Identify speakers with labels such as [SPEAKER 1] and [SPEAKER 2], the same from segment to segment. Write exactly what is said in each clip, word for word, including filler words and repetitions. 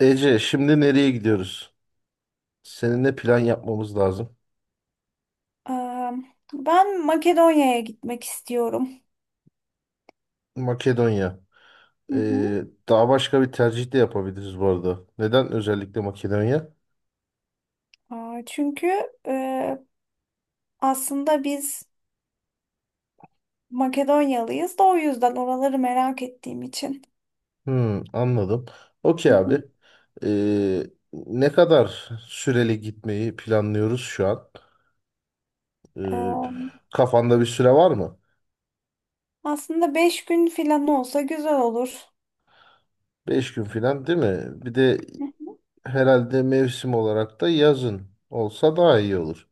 [SPEAKER 1] Ece, şimdi nereye gidiyoruz? Seninle plan yapmamız lazım.
[SPEAKER 2] Eee, Ben Makedonya'ya gitmek istiyorum.
[SPEAKER 1] Makedonya.
[SPEAKER 2] Hı hı.
[SPEAKER 1] Ee, Daha başka bir tercih de yapabiliriz bu arada. Neden özellikle Makedonya?
[SPEAKER 2] Aa, çünkü eee, aslında biz Makedonyalıyız da o yüzden oraları merak ettiğim için.
[SPEAKER 1] Hmm, anladım.
[SPEAKER 2] Hı
[SPEAKER 1] Okey abi.
[SPEAKER 2] hı.
[SPEAKER 1] Ee, Ne kadar süreli gitmeyi planlıyoruz şu an? Ee,
[SPEAKER 2] Eee,
[SPEAKER 1] Kafanda bir süre var mı?
[SPEAKER 2] Aslında beş gün falan olsa güzel olur.
[SPEAKER 1] Beş gün falan değil mi? Bir de
[SPEAKER 2] Hı hı.
[SPEAKER 1] herhalde mevsim olarak da yazın olsa daha iyi olur.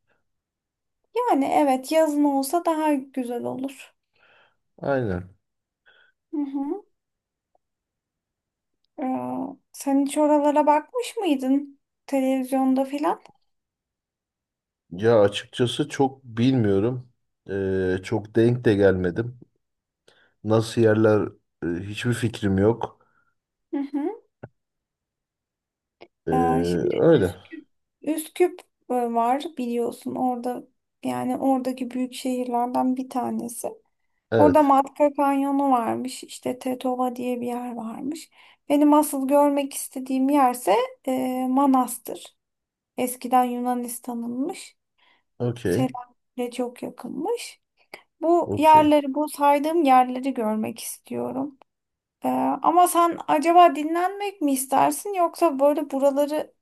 [SPEAKER 2] Yani evet, yazın olsa daha güzel olur.
[SPEAKER 1] Aynen.
[SPEAKER 2] Hı hı. Eee, Sen hiç oralara bakmış mıydın televizyonda filan?
[SPEAKER 1] Ya açıkçası çok bilmiyorum. Ee, çok denk de gelmedim. Nasıl yerler e, hiçbir fikrim yok.
[SPEAKER 2] Hı hı.
[SPEAKER 1] Ee,
[SPEAKER 2] Ee, şimdi
[SPEAKER 1] Öyle.
[SPEAKER 2] Üsküp, Üsküp e, var biliyorsun orada, yani oradaki büyük şehirlerden bir tanesi. Orada
[SPEAKER 1] Evet.
[SPEAKER 2] Matka Kanyonu varmış, işte Tetova diye bir yer varmış. Benim asıl görmek istediğim yerse e, Manastır. Eskiden Yunanistan'ınmış.
[SPEAKER 1] Okey.
[SPEAKER 2] Selanik'le çok yakınmış. Bu
[SPEAKER 1] Okey.
[SPEAKER 2] yerleri, bu saydığım yerleri görmek istiyorum. Ee, ama sen acaba dinlenmek mi istersin yoksa böyle buraları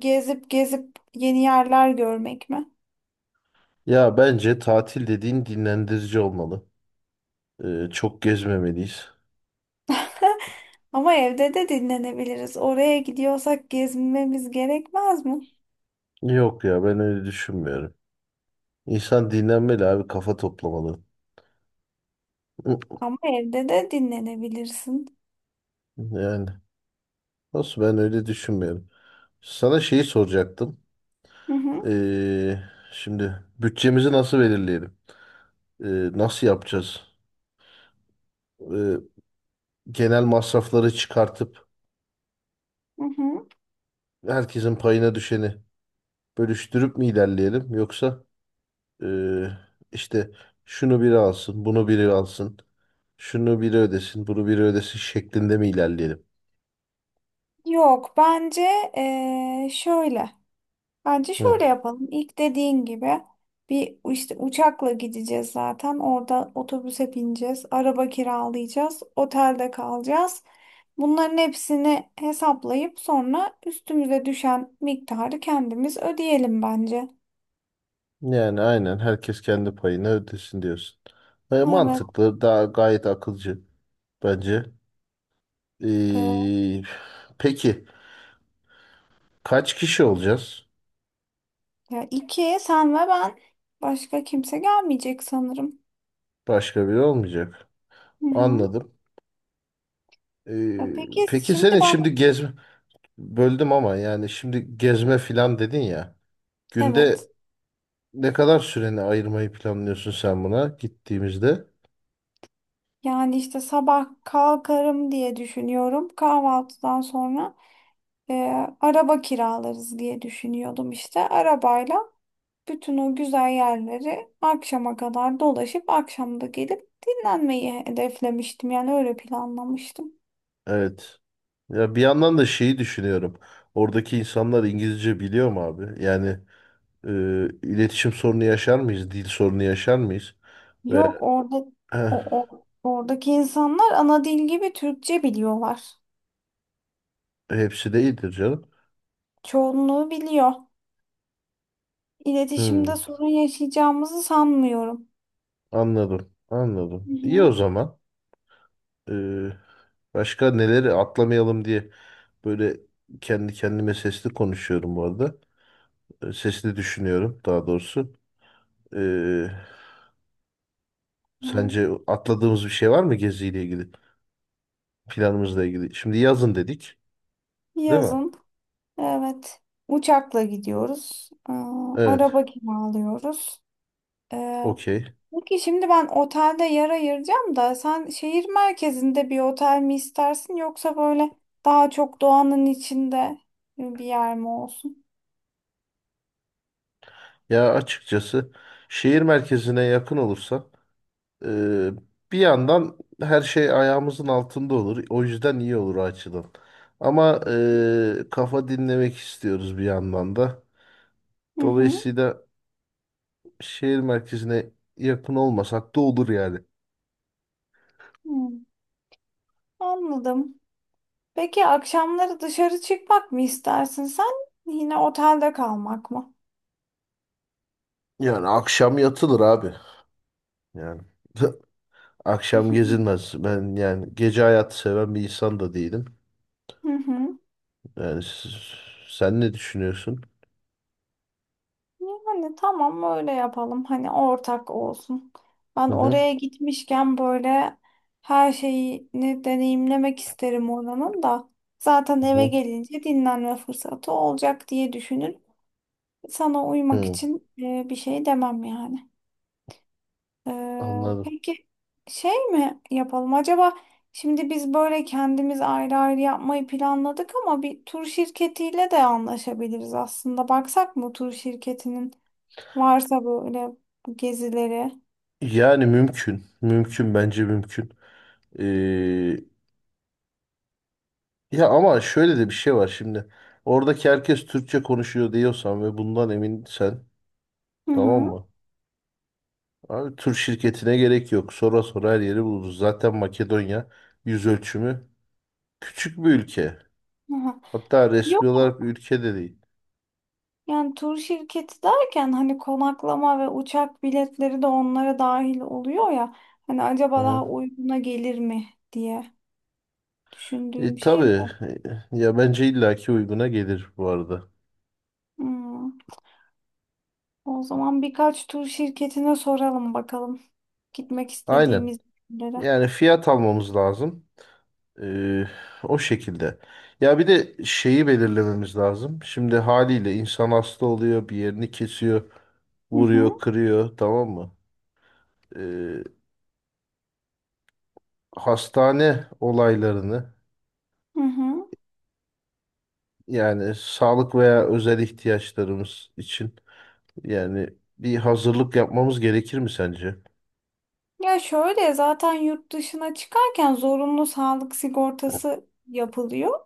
[SPEAKER 2] gezip gezip yeni yerler görmek mi?
[SPEAKER 1] Ya bence tatil dediğin dinlendirici olmalı. Ee, çok gezmemeliyiz.
[SPEAKER 2] Ama evde de dinlenebiliriz. Oraya gidiyorsak gezmemiz gerekmez mi?
[SPEAKER 1] Yok ya ben öyle düşünmüyorum. İnsan dinlenmeli abi, kafa toplamalı. Hı,
[SPEAKER 2] Ama evde de dinlenebilirsin.
[SPEAKER 1] Yani nasıl, ben öyle düşünmüyorum. Sana şeyi soracaktım.
[SPEAKER 2] Hı hı,
[SPEAKER 1] Ee, Şimdi bütçemizi nasıl belirleyelim? Ee, Nasıl yapacağız? e, Genel masrafları çıkartıp
[SPEAKER 2] hı hı.
[SPEAKER 1] herkesin payına düşeni bölüştürüp mi ilerleyelim, yoksa e, işte şunu biri alsın, bunu biri alsın, şunu biri ödesin, bunu biri ödesin şeklinde mi ilerleyelim?
[SPEAKER 2] Yok, bence eee, şöyle. Bence
[SPEAKER 1] Hı.
[SPEAKER 2] şöyle yapalım. İlk dediğin gibi bir işte uçakla gideceğiz zaten. Orada otobüse bineceğiz. Araba kiralayacağız. Otelde kalacağız. Bunların hepsini hesaplayıp sonra üstümüze düşen miktarı kendimiz ödeyelim bence.
[SPEAKER 1] Yani aynen, herkes kendi payını ödesin diyorsun. E,
[SPEAKER 2] Evet.
[SPEAKER 1] mantıklı, daha gayet akılcı bence.
[SPEAKER 2] e,
[SPEAKER 1] E, peki kaç kişi olacağız?
[SPEAKER 2] Ya iki, sen ve ben, başka kimse gelmeyecek sanırım.
[SPEAKER 1] Başka biri olmayacak.
[SPEAKER 2] Hı hı.
[SPEAKER 1] Anladım.
[SPEAKER 2] E,
[SPEAKER 1] E,
[SPEAKER 2] Peki
[SPEAKER 1] peki
[SPEAKER 2] şimdi
[SPEAKER 1] senin
[SPEAKER 2] ben,
[SPEAKER 1] şimdi gezme, böldüm ama, yani şimdi gezme filan dedin ya. Günde
[SPEAKER 2] evet,
[SPEAKER 1] ne kadar süreni ayırmayı planlıyorsun sen buna gittiğimizde?
[SPEAKER 2] yani işte sabah kalkarım diye düşünüyorum, kahvaltıdan sonra. e, Araba kiralarız diye düşünüyordum işte. Arabayla bütün o güzel yerleri akşama kadar dolaşıp akşam da gelip dinlenmeyi hedeflemiştim. Yani öyle planlamıştım.
[SPEAKER 1] Evet. Ya bir yandan da şeyi düşünüyorum. Oradaki insanlar İngilizce biliyor mu abi? Yani e, iletişim sorunu yaşar mıyız? Dil sorunu yaşar mıyız? Ve
[SPEAKER 2] Yok, orada
[SPEAKER 1] eh,
[SPEAKER 2] o, o oradaki insanlar ana dil gibi Türkçe biliyorlar.
[SPEAKER 1] hepsi de iyidir canım.
[SPEAKER 2] Çoğunluğu biliyor. İletişimde
[SPEAKER 1] Hmm,
[SPEAKER 2] sorun yaşayacağımızı sanmıyorum.
[SPEAKER 1] anladım. Anladım.
[SPEAKER 2] Hı
[SPEAKER 1] İyi o
[SPEAKER 2] hı.
[SPEAKER 1] zaman. E, Başka neleri atlamayalım diye böyle kendi kendime sesli konuşuyorum bu arada. Sesini düşünüyorum daha doğrusu. Ee,
[SPEAKER 2] Hı.
[SPEAKER 1] Sence atladığımız bir şey var mı geziyle ilgili, planımızla ilgili? Şimdi yazın dedik, değil mi?
[SPEAKER 2] Yazın. Evet. Uçakla gidiyoruz. Aa,
[SPEAKER 1] Evet,
[SPEAKER 2] araba kiralıyoruz. Ee,
[SPEAKER 1] okey.
[SPEAKER 2] Peki şimdi ben otelde yer ayıracağım da, sen şehir merkezinde bir otel mi istersin, yoksa böyle daha çok doğanın içinde bir yer mi olsun?
[SPEAKER 1] Ya açıkçası şehir merkezine yakın olursa e, bir yandan her şey ayağımızın altında olur. O yüzden iyi olur o açıdan. Ama e, kafa dinlemek istiyoruz bir yandan da.
[SPEAKER 2] Hı hı.
[SPEAKER 1] Dolayısıyla şehir merkezine yakın olmasak da olur yani.
[SPEAKER 2] Hı. Anladım. Peki akşamları dışarı çıkmak mı istersin sen? Yine otelde kalmak mı?
[SPEAKER 1] Yani akşam yatılır abi. Yani akşam gezilmez. Ben yani gece hayatı seven bir insan da değilim.
[SPEAKER 2] Hı hı.
[SPEAKER 1] Yani siz- sen ne düşünüyorsun?
[SPEAKER 2] Yani tamam, öyle yapalım. Hani ortak olsun. Ben
[SPEAKER 1] Hı hı.
[SPEAKER 2] oraya gitmişken böyle her şeyini deneyimlemek isterim oranın da. Zaten
[SPEAKER 1] Hı
[SPEAKER 2] eve
[SPEAKER 1] hı.
[SPEAKER 2] gelince dinlenme fırsatı olacak diye düşünün. Sana uymak için e, bir şey demem yani. Ee,
[SPEAKER 1] Anladım.
[SPEAKER 2] peki şey mi yapalım acaba? Şimdi biz böyle kendimiz ayrı ayrı yapmayı planladık ama bir tur şirketiyle de anlaşabiliriz aslında. Baksak mı tur şirketinin? Varsa böyle bu gezileri.
[SPEAKER 1] Yani mümkün. Mümkün, bence mümkün. Ee, Ya ama şöyle de bir şey var şimdi. Oradaki herkes Türkçe konuşuyor diyorsan ve bundan eminsen,
[SPEAKER 2] Hı
[SPEAKER 1] tamam
[SPEAKER 2] hı.
[SPEAKER 1] mı? Abi, tur şirketine gerek yok. Sonra sonra her yeri buluruz. Zaten Makedonya yüz ölçümü küçük bir ülke.
[SPEAKER 2] Aha.
[SPEAKER 1] Hatta resmi
[SPEAKER 2] Yok,
[SPEAKER 1] olarak bir ülke de değil.
[SPEAKER 2] yani tur şirketi derken hani konaklama ve uçak biletleri de onlara dahil oluyor ya. Hani
[SPEAKER 1] Hı
[SPEAKER 2] acaba daha
[SPEAKER 1] hı.
[SPEAKER 2] uyguna gelir mi diye düşündüğüm
[SPEAKER 1] E,
[SPEAKER 2] şey
[SPEAKER 1] tabii
[SPEAKER 2] bu.
[SPEAKER 1] E, Ya bence illaki uyguna gelir bu arada.
[SPEAKER 2] Hmm. O zaman birkaç tur şirketine soralım bakalım, gitmek
[SPEAKER 1] Aynen.
[SPEAKER 2] istediğimiz yerlere.
[SPEAKER 1] Yani fiyat almamız lazım. E, o şekilde. Ya bir de şeyi belirlememiz lazım. Şimdi haliyle insan hasta oluyor, bir yerini kesiyor,
[SPEAKER 2] Hı
[SPEAKER 1] vuruyor,
[SPEAKER 2] hı.
[SPEAKER 1] kırıyor, tamam mı? E, Hastane olaylarını,
[SPEAKER 2] Hı hı.
[SPEAKER 1] yani sağlık veya özel ihtiyaçlarımız için, yani bir hazırlık yapmamız gerekir mi sence?
[SPEAKER 2] Ya şöyle, zaten yurt dışına çıkarken zorunlu sağlık sigortası yapılıyor.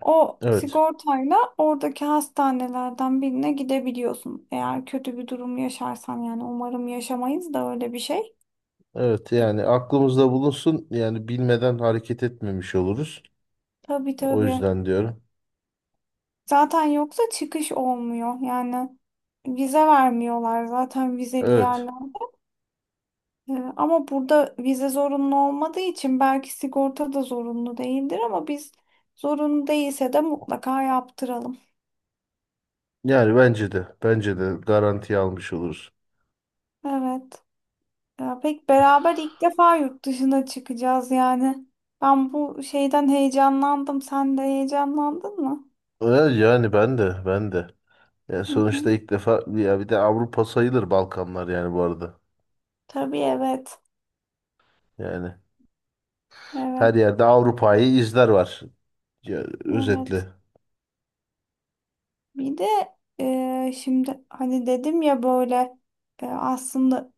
[SPEAKER 2] O
[SPEAKER 1] Evet.
[SPEAKER 2] sigortayla oradaki hastanelerden birine gidebiliyorsun. Eğer kötü bir durum yaşarsan, yani umarım yaşamayız da öyle bir şey.
[SPEAKER 1] Evet, yani aklımızda bulunsun, yani bilmeden hareket etmemiş oluruz.
[SPEAKER 2] Tabii
[SPEAKER 1] O
[SPEAKER 2] tabii.
[SPEAKER 1] yüzden diyorum.
[SPEAKER 2] Zaten yoksa çıkış olmuyor. Yani vize vermiyorlar zaten, vizeli
[SPEAKER 1] Evet.
[SPEAKER 2] yerlerde. Ee, ama burada vize zorunlu olmadığı için belki sigorta da zorunlu değildir, ama biz zorunlu değilse de mutlaka yaptıralım.
[SPEAKER 1] Yani bence de bence de garantiye almış oluruz.
[SPEAKER 2] Evet. Ya pek beraber ilk defa yurt dışına çıkacağız yani. Ben bu şeyden heyecanlandım. Sen de heyecanlandın mı?
[SPEAKER 1] Evet, yani ben de ben de. Yani
[SPEAKER 2] Hı
[SPEAKER 1] sonuçta
[SPEAKER 2] hı.
[SPEAKER 1] ilk defa, ya bir de Avrupa sayılır Balkanlar yani bu arada.
[SPEAKER 2] Tabii, evet.
[SPEAKER 1] Yani
[SPEAKER 2] Evet.
[SPEAKER 1] her yerde Avrupa'yı izler var. Ya, özetle.
[SPEAKER 2] Evet. Bir de e, şimdi hani dedim ya böyle, e, aslında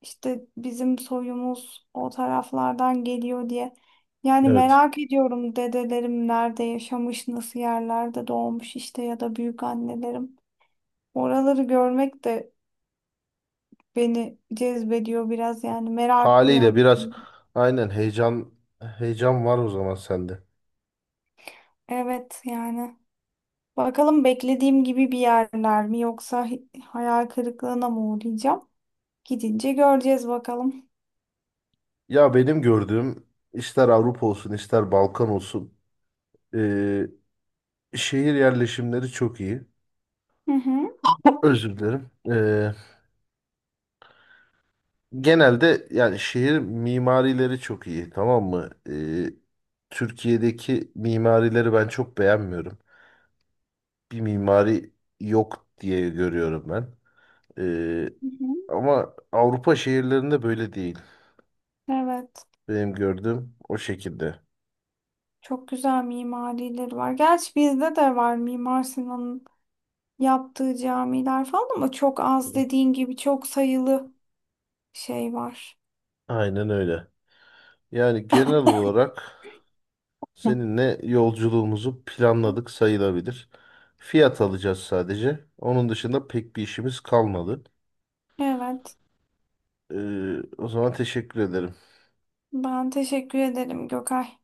[SPEAKER 2] işte bizim soyumuz o taraflardan geliyor diye. Yani
[SPEAKER 1] Evet.
[SPEAKER 2] merak ediyorum, dedelerim nerede yaşamış, nasıl yerlerde doğmuş işte, ya da büyük annelerim. Oraları görmek de beni cezbediyor biraz, yani merak
[SPEAKER 1] Haliyle
[SPEAKER 2] uyan.
[SPEAKER 1] biraz, aynen, heyecan heyecan var o zaman sende.
[SPEAKER 2] Evet yani. Bakalım beklediğim gibi bir yerler mi, yoksa hi- hayal kırıklığına mı uğrayacağım? Gidince göreceğiz bakalım.
[SPEAKER 1] Ya benim gördüğüm, ister Avrupa olsun ister Balkan olsun, şehir yerleşimleri çok iyi.
[SPEAKER 2] Hı hı.
[SPEAKER 1] Özür dilerim. Ee, genelde yani şehir mimarileri çok iyi, tamam mı? Ee, Türkiye'deki mimarileri ben çok beğenmiyorum. Bir mimari yok diye görüyorum ben. Ee,
[SPEAKER 2] Hı hı.
[SPEAKER 1] Ama Avrupa şehirlerinde böyle değil.
[SPEAKER 2] Evet.
[SPEAKER 1] Benim gördüğüm o şekilde.
[SPEAKER 2] Çok güzel mimarileri var. Gerçi bizde de var, Mimar Sinan'ın yaptığı camiler falan, ama çok az, dediğin gibi çok sayılı şey var.
[SPEAKER 1] Aynen öyle. Yani genel olarak.
[SPEAKER 2] Hı.
[SPEAKER 1] Seninle yolculuğumuzu planladık sayılabilir. Fiyat alacağız sadece. Onun dışında pek bir işimiz kalmadı.
[SPEAKER 2] Evet.
[SPEAKER 1] Ee, o zaman teşekkür ederim.
[SPEAKER 2] Ben teşekkür ederim Gökay.